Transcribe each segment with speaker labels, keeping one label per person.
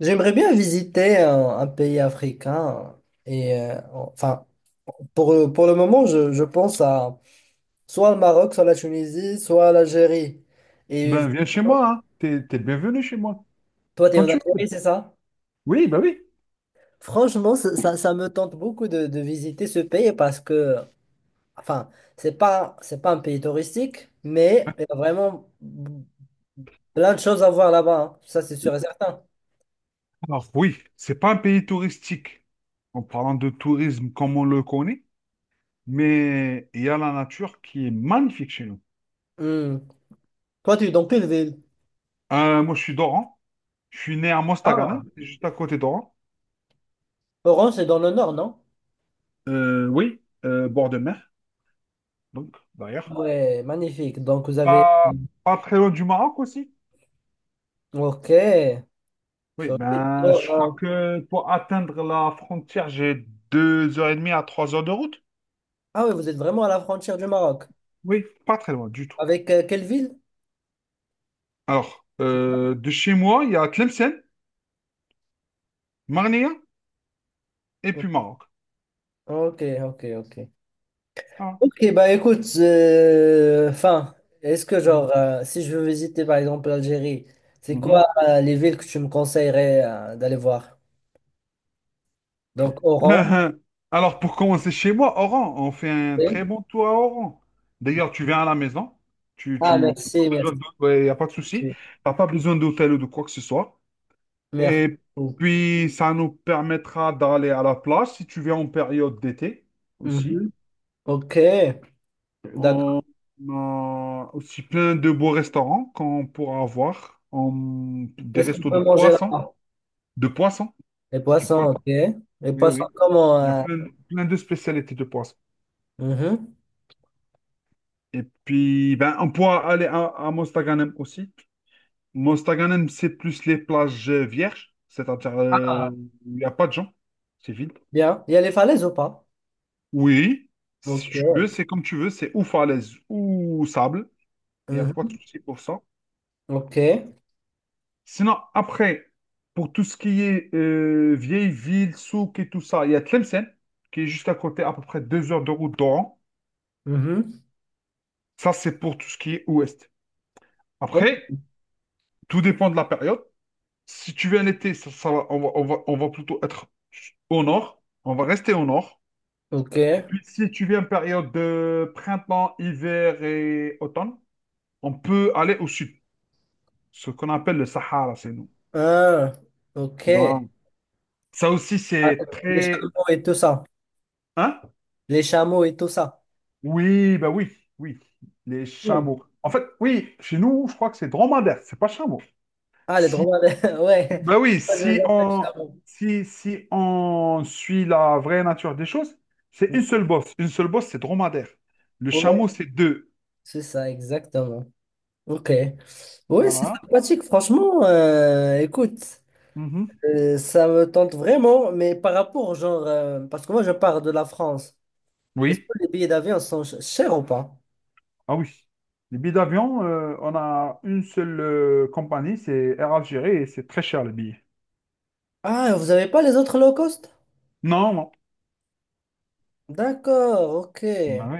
Speaker 1: J'aimerais bien visiter un pays africain et enfin pour le moment je pense à soit le Maroc, soit la Tunisie, soit l'Algérie. Et
Speaker 2: Ben, viens chez moi, hein. T'es le bienvenu chez moi.
Speaker 1: toi tu es
Speaker 2: Quand
Speaker 1: en
Speaker 2: tu veux.
Speaker 1: Algérie, c'est ça?
Speaker 2: Oui, ben oui.
Speaker 1: Franchement, ça me tente beaucoup de visiter ce pays parce que enfin, c'est pas un pays touristique, mais il y a vraiment plein de choses à voir là-bas, hein. Ça c'est sûr et certain.
Speaker 2: Alors, oui, c'est pas un pays touristique, en parlant de tourisme comme on le connaît, mais il y a la nature qui est magnifique chez nous.
Speaker 1: Hmm. Toi tu es dans quelle ville?
Speaker 2: Moi, je suis d'Oran. Je suis né à
Speaker 1: Ah.
Speaker 2: Mostaganem, c'est juste à côté d'Oran.
Speaker 1: Oran, c'est dans le nord, non?
Speaker 2: Oui, bord de mer, donc, derrière.
Speaker 1: Ouais, magnifique. Donc, vous avez...
Speaker 2: Pas, pas très loin du Maroc aussi.
Speaker 1: Ok.
Speaker 2: Oui,
Speaker 1: Solide.
Speaker 2: ben, je crois que pour atteindre la frontière, j'ai 2 heures et demie à 3 heures de route.
Speaker 1: Ah oui, vous êtes vraiment à la frontière du Maroc.
Speaker 2: Oui, pas très loin du tout.
Speaker 1: Avec quelle ville?
Speaker 2: Alors, de chez moi, il y a Tlemcen, Marnia et puis Maroc.
Speaker 1: Ok, ok, ok.
Speaker 2: Voilà.
Speaker 1: Ok, bah écoute, enfin, est-ce que
Speaker 2: Mhm.
Speaker 1: genre, si je veux visiter par exemple l'Algérie, c'est quoi les villes que tu me conseillerais d'aller voir? Donc, Oran.
Speaker 2: Mhm. Alors, pour commencer chez moi, Oran, on fait un très
Speaker 1: Oui.
Speaker 2: bon tour à Oran. D'ailleurs, tu viens à la maison,
Speaker 1: Ah,
Speaker 2: t'as
Speaker 1: merci,
Speaker 2: pas besoin
Speaker 1: merci.
Speaker 2: de, il n'y a pas de souci, t'as pas besoin d'hôtel ou de quoi que ce soit.
Speaker 1: Merci
Speaker 2: Et
Speaker 1: beaucoup.
Speaker 2: puis, ça nous permettra d'aller à la plage si tu viens en période d'été aussi.
Speaker 1: Mhm. Ok, d'accord.
Speaker 2: On a aussi plein de beaux restaurants qu'on pourra avoir. Des
Speaker 1: Qu'est-ce qu'on
Speaker 2: restos de
Speaker 1: peut manger
Speaker 2: poissons.
Speaker 1: là-bas?
Speaker 2: De poissons.
Speaker 1: Les
Speaker 2: Du
Speaker 1: poissons,
Speaker 2: poisson.
Speaker 1: ok. Les
Speaker 2: Oui,
Speaker 1: poissons,
Speaker 2: oui.
Speaker 1: comment?
Speaker 2: Il y a plein de spécialités de poissons.
Speaker 1: Mhm.
Speaker 2: Et puis, ben, on pourra aller à Mostaganem aussi. Mostaganem, c'est plus les plages vierges. C'est-à-dire,
Speaker 1: Ah,
Speaker 2: il n'y a pas de gens. C'est vide.
Speaker 1: bien. Il y a les falaises ou pas?
Speaker 2: Oui, si
Speaker 1: Ok.
Speaker 2: tu veux, c'est comme tu veux. C'est ou falaise ou sable. Il n'y a pas de
Speaker 1: Mhm.
Speaker 2: souci pour ça.
Speaker 1: Ok.
Speaker 2: Sinon, après, pour tout ce qui est vieille ville, souk et tout ça, il y a Tlemcen, qui est juste à côté, à peu près 2 heures de route d'Oran.
Speaker 1: Mhm.
Speaker 2: Ça, c'est pour tout ce qui est ouest.
Speaker 1: Oh,
Speaker 2: Après, tout dépend de la période. Si tu viens un été, on va plutôt être au nord. On va rester au nord.
Speaker 1: ok.
Speaker 2: Et puis, si tu viens une période de printemps, hiver et automne, on peut aller au sud, ce qu'on appelle le Sahara, c'est nous.
Speaker 1: Ah, ok.
Speaker 2: Voilà. Ça aussi,
Speaker 1: Avec
Speaker 2: c'est
Speaker 1: les
Speaker 2: très.
Speaker 1: chameaux et tout ça.
Speaker 2: Hein?
Speaker 1: Les chameaux et tout ça.
Speaker 2: Oui, ben oui, oui, les
Speaker 1: Cool.
Speaker 2: chameaux. En fait, oui, chez nous, je crois que c'est dromadaire, c'est pas chameau.
Speaker 1: Ah, les
Speaker 2: Si,
Speaker 1: dromadaires. Ouais.
Speaker 2: ben oui,
Speaker 1: Ouais, je les
Speaker 2: si
Speaker 1: appelle
Speaker 2: on,
Speaker 1: chameaux.
Speaker 2: si, si on suit la vraie nature des choses, c'est une seule bosse. Une seule bosse, c'est dromadaire. Le
Speaker 1: Ouais,
Speaker 2: chameau, c'est deux.
Speaker 1: c'est ça, exactement. Ok. Ouais, c'est
Speaker 2: Voilà.
Speaker 1: sympathique, franchement. Écoute,
Speaker 2: Mhm.
Speaker 1: ça me tente vraiment, mais par rapport, genre, parce que moi, je pars de la France. Est-ce
Speaker 2: Oui,
Speaker 1: que les billets d'avion sont chers ou pas?
Speaker 2: ah oui. Les billets d'avion, on a une seule compagnie, c'est Air Algérie, et c'est très cher les billets.
Speaker 1: Ah, vous avez pas les autres low cost?
Speaker 2: Non, non.
Speaker 1: D'accord, ok.
Speaker 2: Ben oui,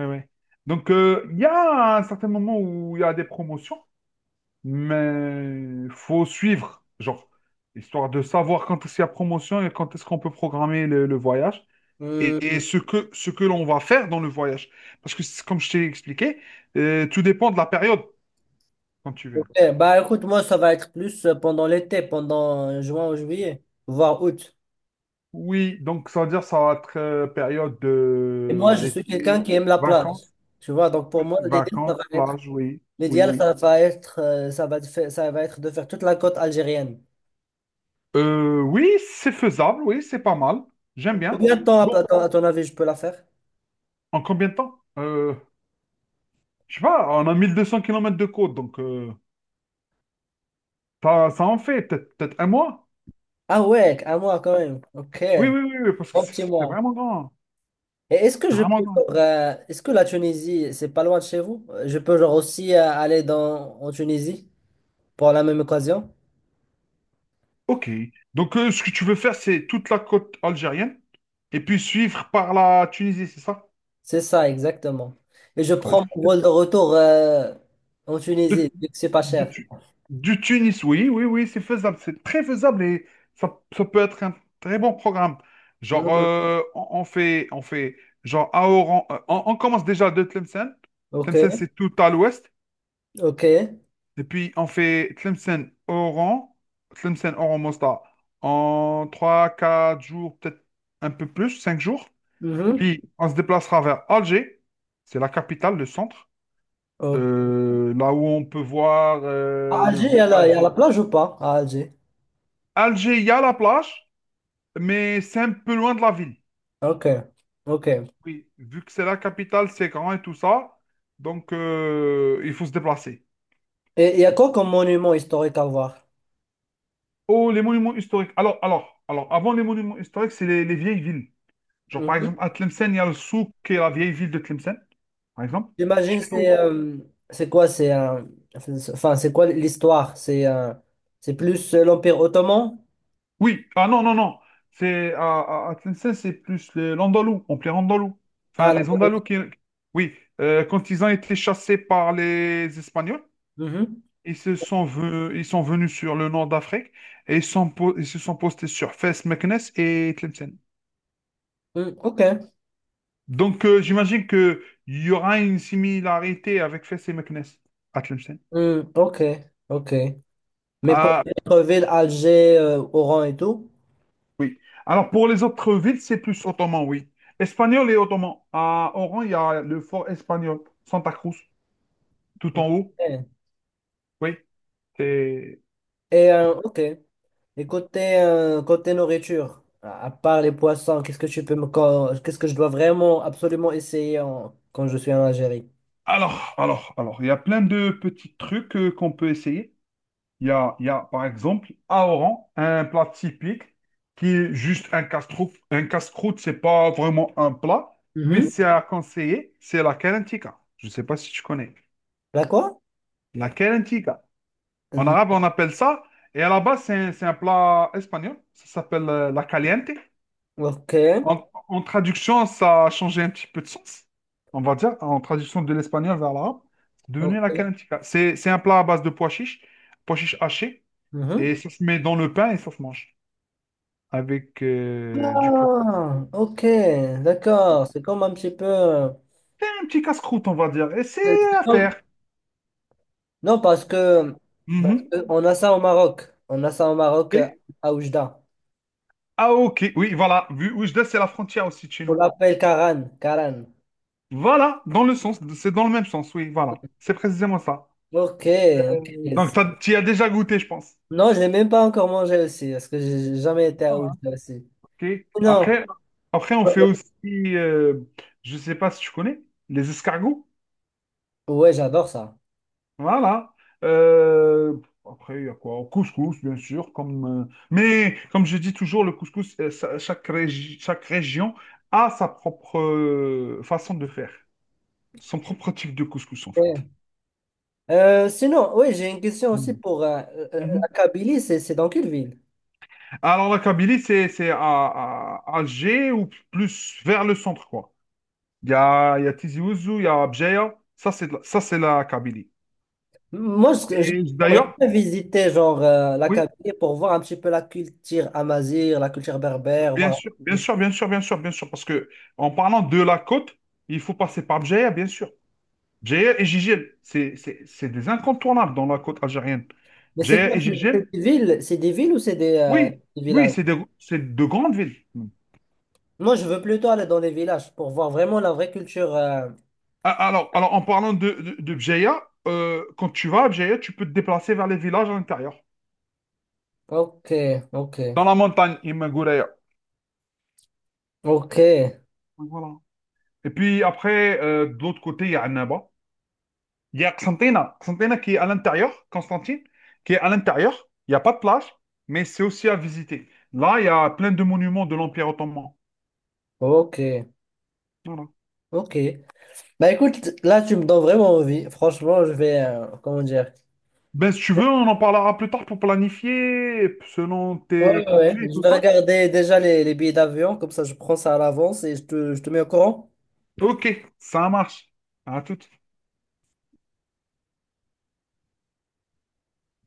Speaker 2: oui, oui. Donc, il y a un certain moment où il y a des promotions. Mais faut suivre, genre, histoire de savoir quand est-ce qu'il y a promotion et quand est-ce qu'on peut programmer le voyage et
Speaker 1: Hmm,
Speaker 2: ce que l'on va faire dans le voyage. Parce que, comme je t'ai expliqué, tout dépend de la période quand tu viens.
Speaker 1: ok. Bah écoute, moi ça va être plus pendant l'été, pendant juin ou juillet, voire août.
Speaker 2: Oui, donc ça veut dire ça va être période
Speaker 1: Et moi je suis quelqu'un
Speaker 2: d'été,
Speaker 1: qui aime la plage.
Speaker 2: vacances,
Speaker 1: Tu vois, donc
Speaker 2: oui,
Speaker 1: pour moi l'idéal ça va
Speaker 2: vacances,
Speaker 1: être
Speaker 2: plage, oui, oui,
Speaker 1: l'idéal
Speaker 2: oui.
Speaker 1: ça va être ça va être de faire toute la côte algérienne.
Speaker 2: Oui, c'est faisable, oui, c'est pas mal. J'aime bien.
Speaker 1: Combien de temps à,
Speaker 2: Bon,
Speaker 1: à ton avis je peux la faire?
Speaker 2: en combien de temps? Je sais pas, on a 1 200 kilomètres de côte, donc ça, ça en fait peut-être un mois.
Speaker 1: Ah ouais, un mois quand même. Ok.
Speaker 2: Oui, oui, oui, oui, parce que
Speaker 1: Bon
Speaker 2: c'est
Speaker 1: petit
Speaker 2: c'est
Speaker 1: mois.
Speaker 2: vraiment grand.
Speaker 1: Et est-ce que
Speaker 2: C'est
Speaker 1: je
Speaker 2: vraiment
Speaker 1: peux,
Speaker 2: grand.
Speaker 1: genre, est-ce que la Tunisie, c'est pas loin de chez vous? Je peux genre aussi aller en Tunisie pour la même occasion?
Speaker 2: Ok. Donc ce que tu veux faire, c'est toute la côte algérienne et puis suivre par la Tunisie, c'est ça?
Speaker 1: C'est ça, exactement. Et je
Speaker 2: Euh,
Speaker 1: prends mon vol de retour en
Speaker 2: De,
Speaker 1: Tunisie, vu que c'est pas
Speaker 2: de
Speaker 1: cher.
Speaker 2: Tu- du Tunis, oui, oui, oui, c'est faisable. C'est très faisable et ça peut être un très bon programme. Genre,
Speaker 1: Mhm.
Speaker 2: euh, on fait, genre, à Oran, on commence déjà de Tlemcen.
Speaker 1: Ok,
Speaker 2: Tlemcen, c'est tout à l'ouest.
Speaker 1: ok.
Speaker 2: Et puis, on fait Tlemcen-Oran, Tlemcen-Oran-Mostar en trois quatre jours, peut-être un peu plus, 5 jours.
Speaker 1: Mhm.
Speaker 2: Puis, on se déplacera vers Alger, c'est la capitale, le centre,
Speaker 1: Ok.
Speaker 2: là où on peut voir
Speaker 1: À
Speaker 2: le
Speaker 1: Alger,
Speaker 2: vieux
Speaker 1: il y a la
Speaker 2: Alger.
Speaker 1: plage ou pas? À Alger.
Speaker 2: Alger, il y a la plage, mais c'est un peu loin de la ville.
Speaker 1: Ok, ok.
Speaker 2: Oui, vu que c'est la capitale, c'est grand et tout ça, donc il faut se déplacer.
Speaker 1: Et il y a quoi comme monument historique à voir?
Speaker 2: Oh, les monuments historiques. Alors, avant les monuments historiques, c'est les vieilles villes. Genre, par exemple, à Tlemcen, il y a le souk qui est la vieille ville de Tlemcen, par exemple.
Speaker 1: J'imagine
Speaker 2: Chez nous,
Speaker 1: c'est quoi c'est un enfin c'est quoi l'histoire c'est plus l'Empire ottoman.
Speaker 2: oui, ah non, non, non. À Tlemcen, c'est plus l'Andalou, on plaît Andalou. Enfin,
Speaker 1: Ah, la
Speaker 2: les
Speaker 1: Pologne.
Speaker 2: Andalous qui. Oui, quand ils ont été chassés par les Espagnols,
Speaker 1: Mhm.
Speaker 2: ils sont venus sur le nord d'Afrique et ils se sont postés sur Fès, Meknès et Tlemcen.
Speaker 1: Mm, ok.
Speaker 2: Donc, j'imagine qu'il y aura une similarité avec Fès et Meknès à Tlemcen.
Speaker 1: Mm, ok, ok, mais pour
Speaker 2: Ah,
Speaker 1: d'autres villes, Alger Oran et tout.
Speaker 2: Oui. Alors, pour les autres villes, c'est plus ottoman, oui. Espagnol et ottoman. À Oran, il y a le fort espagnol, Santa Cruz, tout
Speaker 1: Ok,
Speaker 2: en haut. Oui. C'est-
Speaker 1: et ok, et côté côté nourriture, à part les poissons, qu'est-ce que tu peux me co- qu'est-ce que je dois vraiment absolument essayer quand je suis en Algérie?
Speaker 2: Alors, il y a plein de petits trucs qu'on peut essayer. Il y a, par exemple, à Oran, un plat typique qui est juste un casse-croûte. Un casse-croûte, c'est pas vraiment un plat, mais
Speaker 1: Mhm.
Speaker 2: c'est à conseiller. C'est la kalantika. Je ne sais pas si tu connais.
Speaker 1: La quoi?
Speaker 2: La En
Speaker 1: Mm,
Speaker 2: arabe, on appelle ça. Et à la base, c'est un plat espagnol. Ça s'appelle la caliente.
Speaker 1: ok,
Speaker 2: En traduction, ça a changé un petit peu de sens. On va dire, en traduction de l'espagnol vers l'arabe, c'est devenu
Speaker 1: ok.
Speaker 2: la caliente. C'est un plat à base de pois chiches hachés.
Speaker 1: Mhm.
Speaker 2: Et ça se met dans le pain et ça se mange avec du curcuma.
Speaker 1: Ah, ok, d'accord. C'est comme un petit peu.
Speaker 2: C'est un petit casse-croûte, on va dire. Et c'est à
Speaker 1: Non,
Speaker 2: faire.
Speaker 1: non, parce
Speaker 2: Mhm.
Speaker 1: que on a ça au Maroc. On a ça au Maroc
Speaker 2: Ok.
Speaker 1: à Oujda.
Speaker 2: Ah, ok. Oui, voilà. Vu Oujda, c'est la frontière aussi de chez
Speaker 1: On
Speaker 2: nous.
Speaker 1: l'appelle Karan. Karan.
Speaker 2: Voilà, dans le sens, c'est dans le même sens, oui, voilà. C'est précisément ça.
Speaker 1: Ok,
Speaker 2: Euh, Donc,
Speaker 1: ok.
Speaker 2: tu y as déjà goûté, je pense.
Speaker 1: Non, je l'ai même pas encore mangé aussi, parce que j'ai jamais été
Speaker 2: Ah,
Speaker 1: à
Speaker 2: hein.
Speaker 1: Oujda aussi.
Speaker 2: Ok.
Speaker 1: Non.
Speaker 2: Après, on fait aussi, euh, je sais pas si tu connais, les escargots.
Speaker 1: Ouais, j'adore ça.
Speaker 2: Voilà. Euh, Après, il y a quoi? Au Couscous, bien sûr. Mais comme je dis toujours, le couscous, chaque région a sa propre façon de faire, son propre type de couscous, en fait.
Speaker 1: Ok. Sinon, oui, j'ai une question aussi
Speaker 2: Hmm.
Speaker 1: pour la
Speaker 2: Mhm.
Speaker 1: Kabylie, c'est dans quelle ville?
Speaker 2: Alors, la Kabylie, c'est Alger ou plus vers le centre, quoi. Il y a Tizi Ouzou, il y a Béjaïa. Ça, c'est la Kabylie.
Speaker 1: Moi,
Speaker 2: Et
Speaker 1: j'aimerais
Speaker 2: d'ailleurs,
Speaker 1: bien visiter genre la
Speaker 2: oui,
Speaker 1: Kabylie pour voir un petit peu la culture amazigh, la culture berbère,
Speaker 2: bien
Speaker 1: voir
Speaker 2: sûr, bien
Speaker 1: un peu.
Speaker 2: sûr, bien sûr, bien sûr, bien sûr, parce que en parlant de la côte, il faut passer par Béjaïa, bien sûr. Béjaïa et Jijel, c'est des incontournables dans la côte algérienne.
Speaker 1: Mais c'est
Speaker 2: Béjaïa
Speaker 1: quoi?
Speaker 2: et
Speaker 1: C'est
Speaker 2: Jijel,
Speaker 1: des villes, c'est des villes ou c'est
Speaker 2: oui,
Speaker 1: des
Speaker 2: oui,
Speaker 1: villages?
Speaker 2: c'est de grandes villes.
Speaker 1: Moi, je veux plutôt aller dans les villages pour voir vraiment la vraie culture. Euh.
Speaker 2: Ah, alors, en parlant de Bjeya, quand tu vas à Bjeya, tu peux te déplacer vers les villages à l'intérieur.
Speaker 1: Ok, ok,
Speaker 2: Dans la montagne, Imagouraya.
Speaker 1: ok,
Speaker 2: Donc, voilà. Et puis après, de l'autre côté, il y a Annaba. Il y a Xantina. Xantina qui est à l'intérieur, Constantine, qui est à l'intérieur. Il n'y a pas de plage, mais c'est aussi à visiter. Là, il y a plein de monuments de l'Empire ottoman.
Speaker 1: ok,
Speaker 2: Voilà.
Speaker 1: ok. Bah écoute, là, tu me donnes vraiment envie. Franchement, je vais, comment dire?
Speaker 2: Ben, si tu veux, on en parlera plus tard pour planifier selon
Speaker 1: Ouais,
Speaker 2: tes
Speaker 1: ouais, ouais.
Speaker 2: congés et
Speaker 1: Je
Speaker 2: tout
Speaker 1: vais
Speaker 2: ça.
Speaker 1: regarder déjà les billets d'avion, comme ça, je prends ça à l'avance et je je te mets au courant.
Speaker 2: Ok, ça marche. À tout.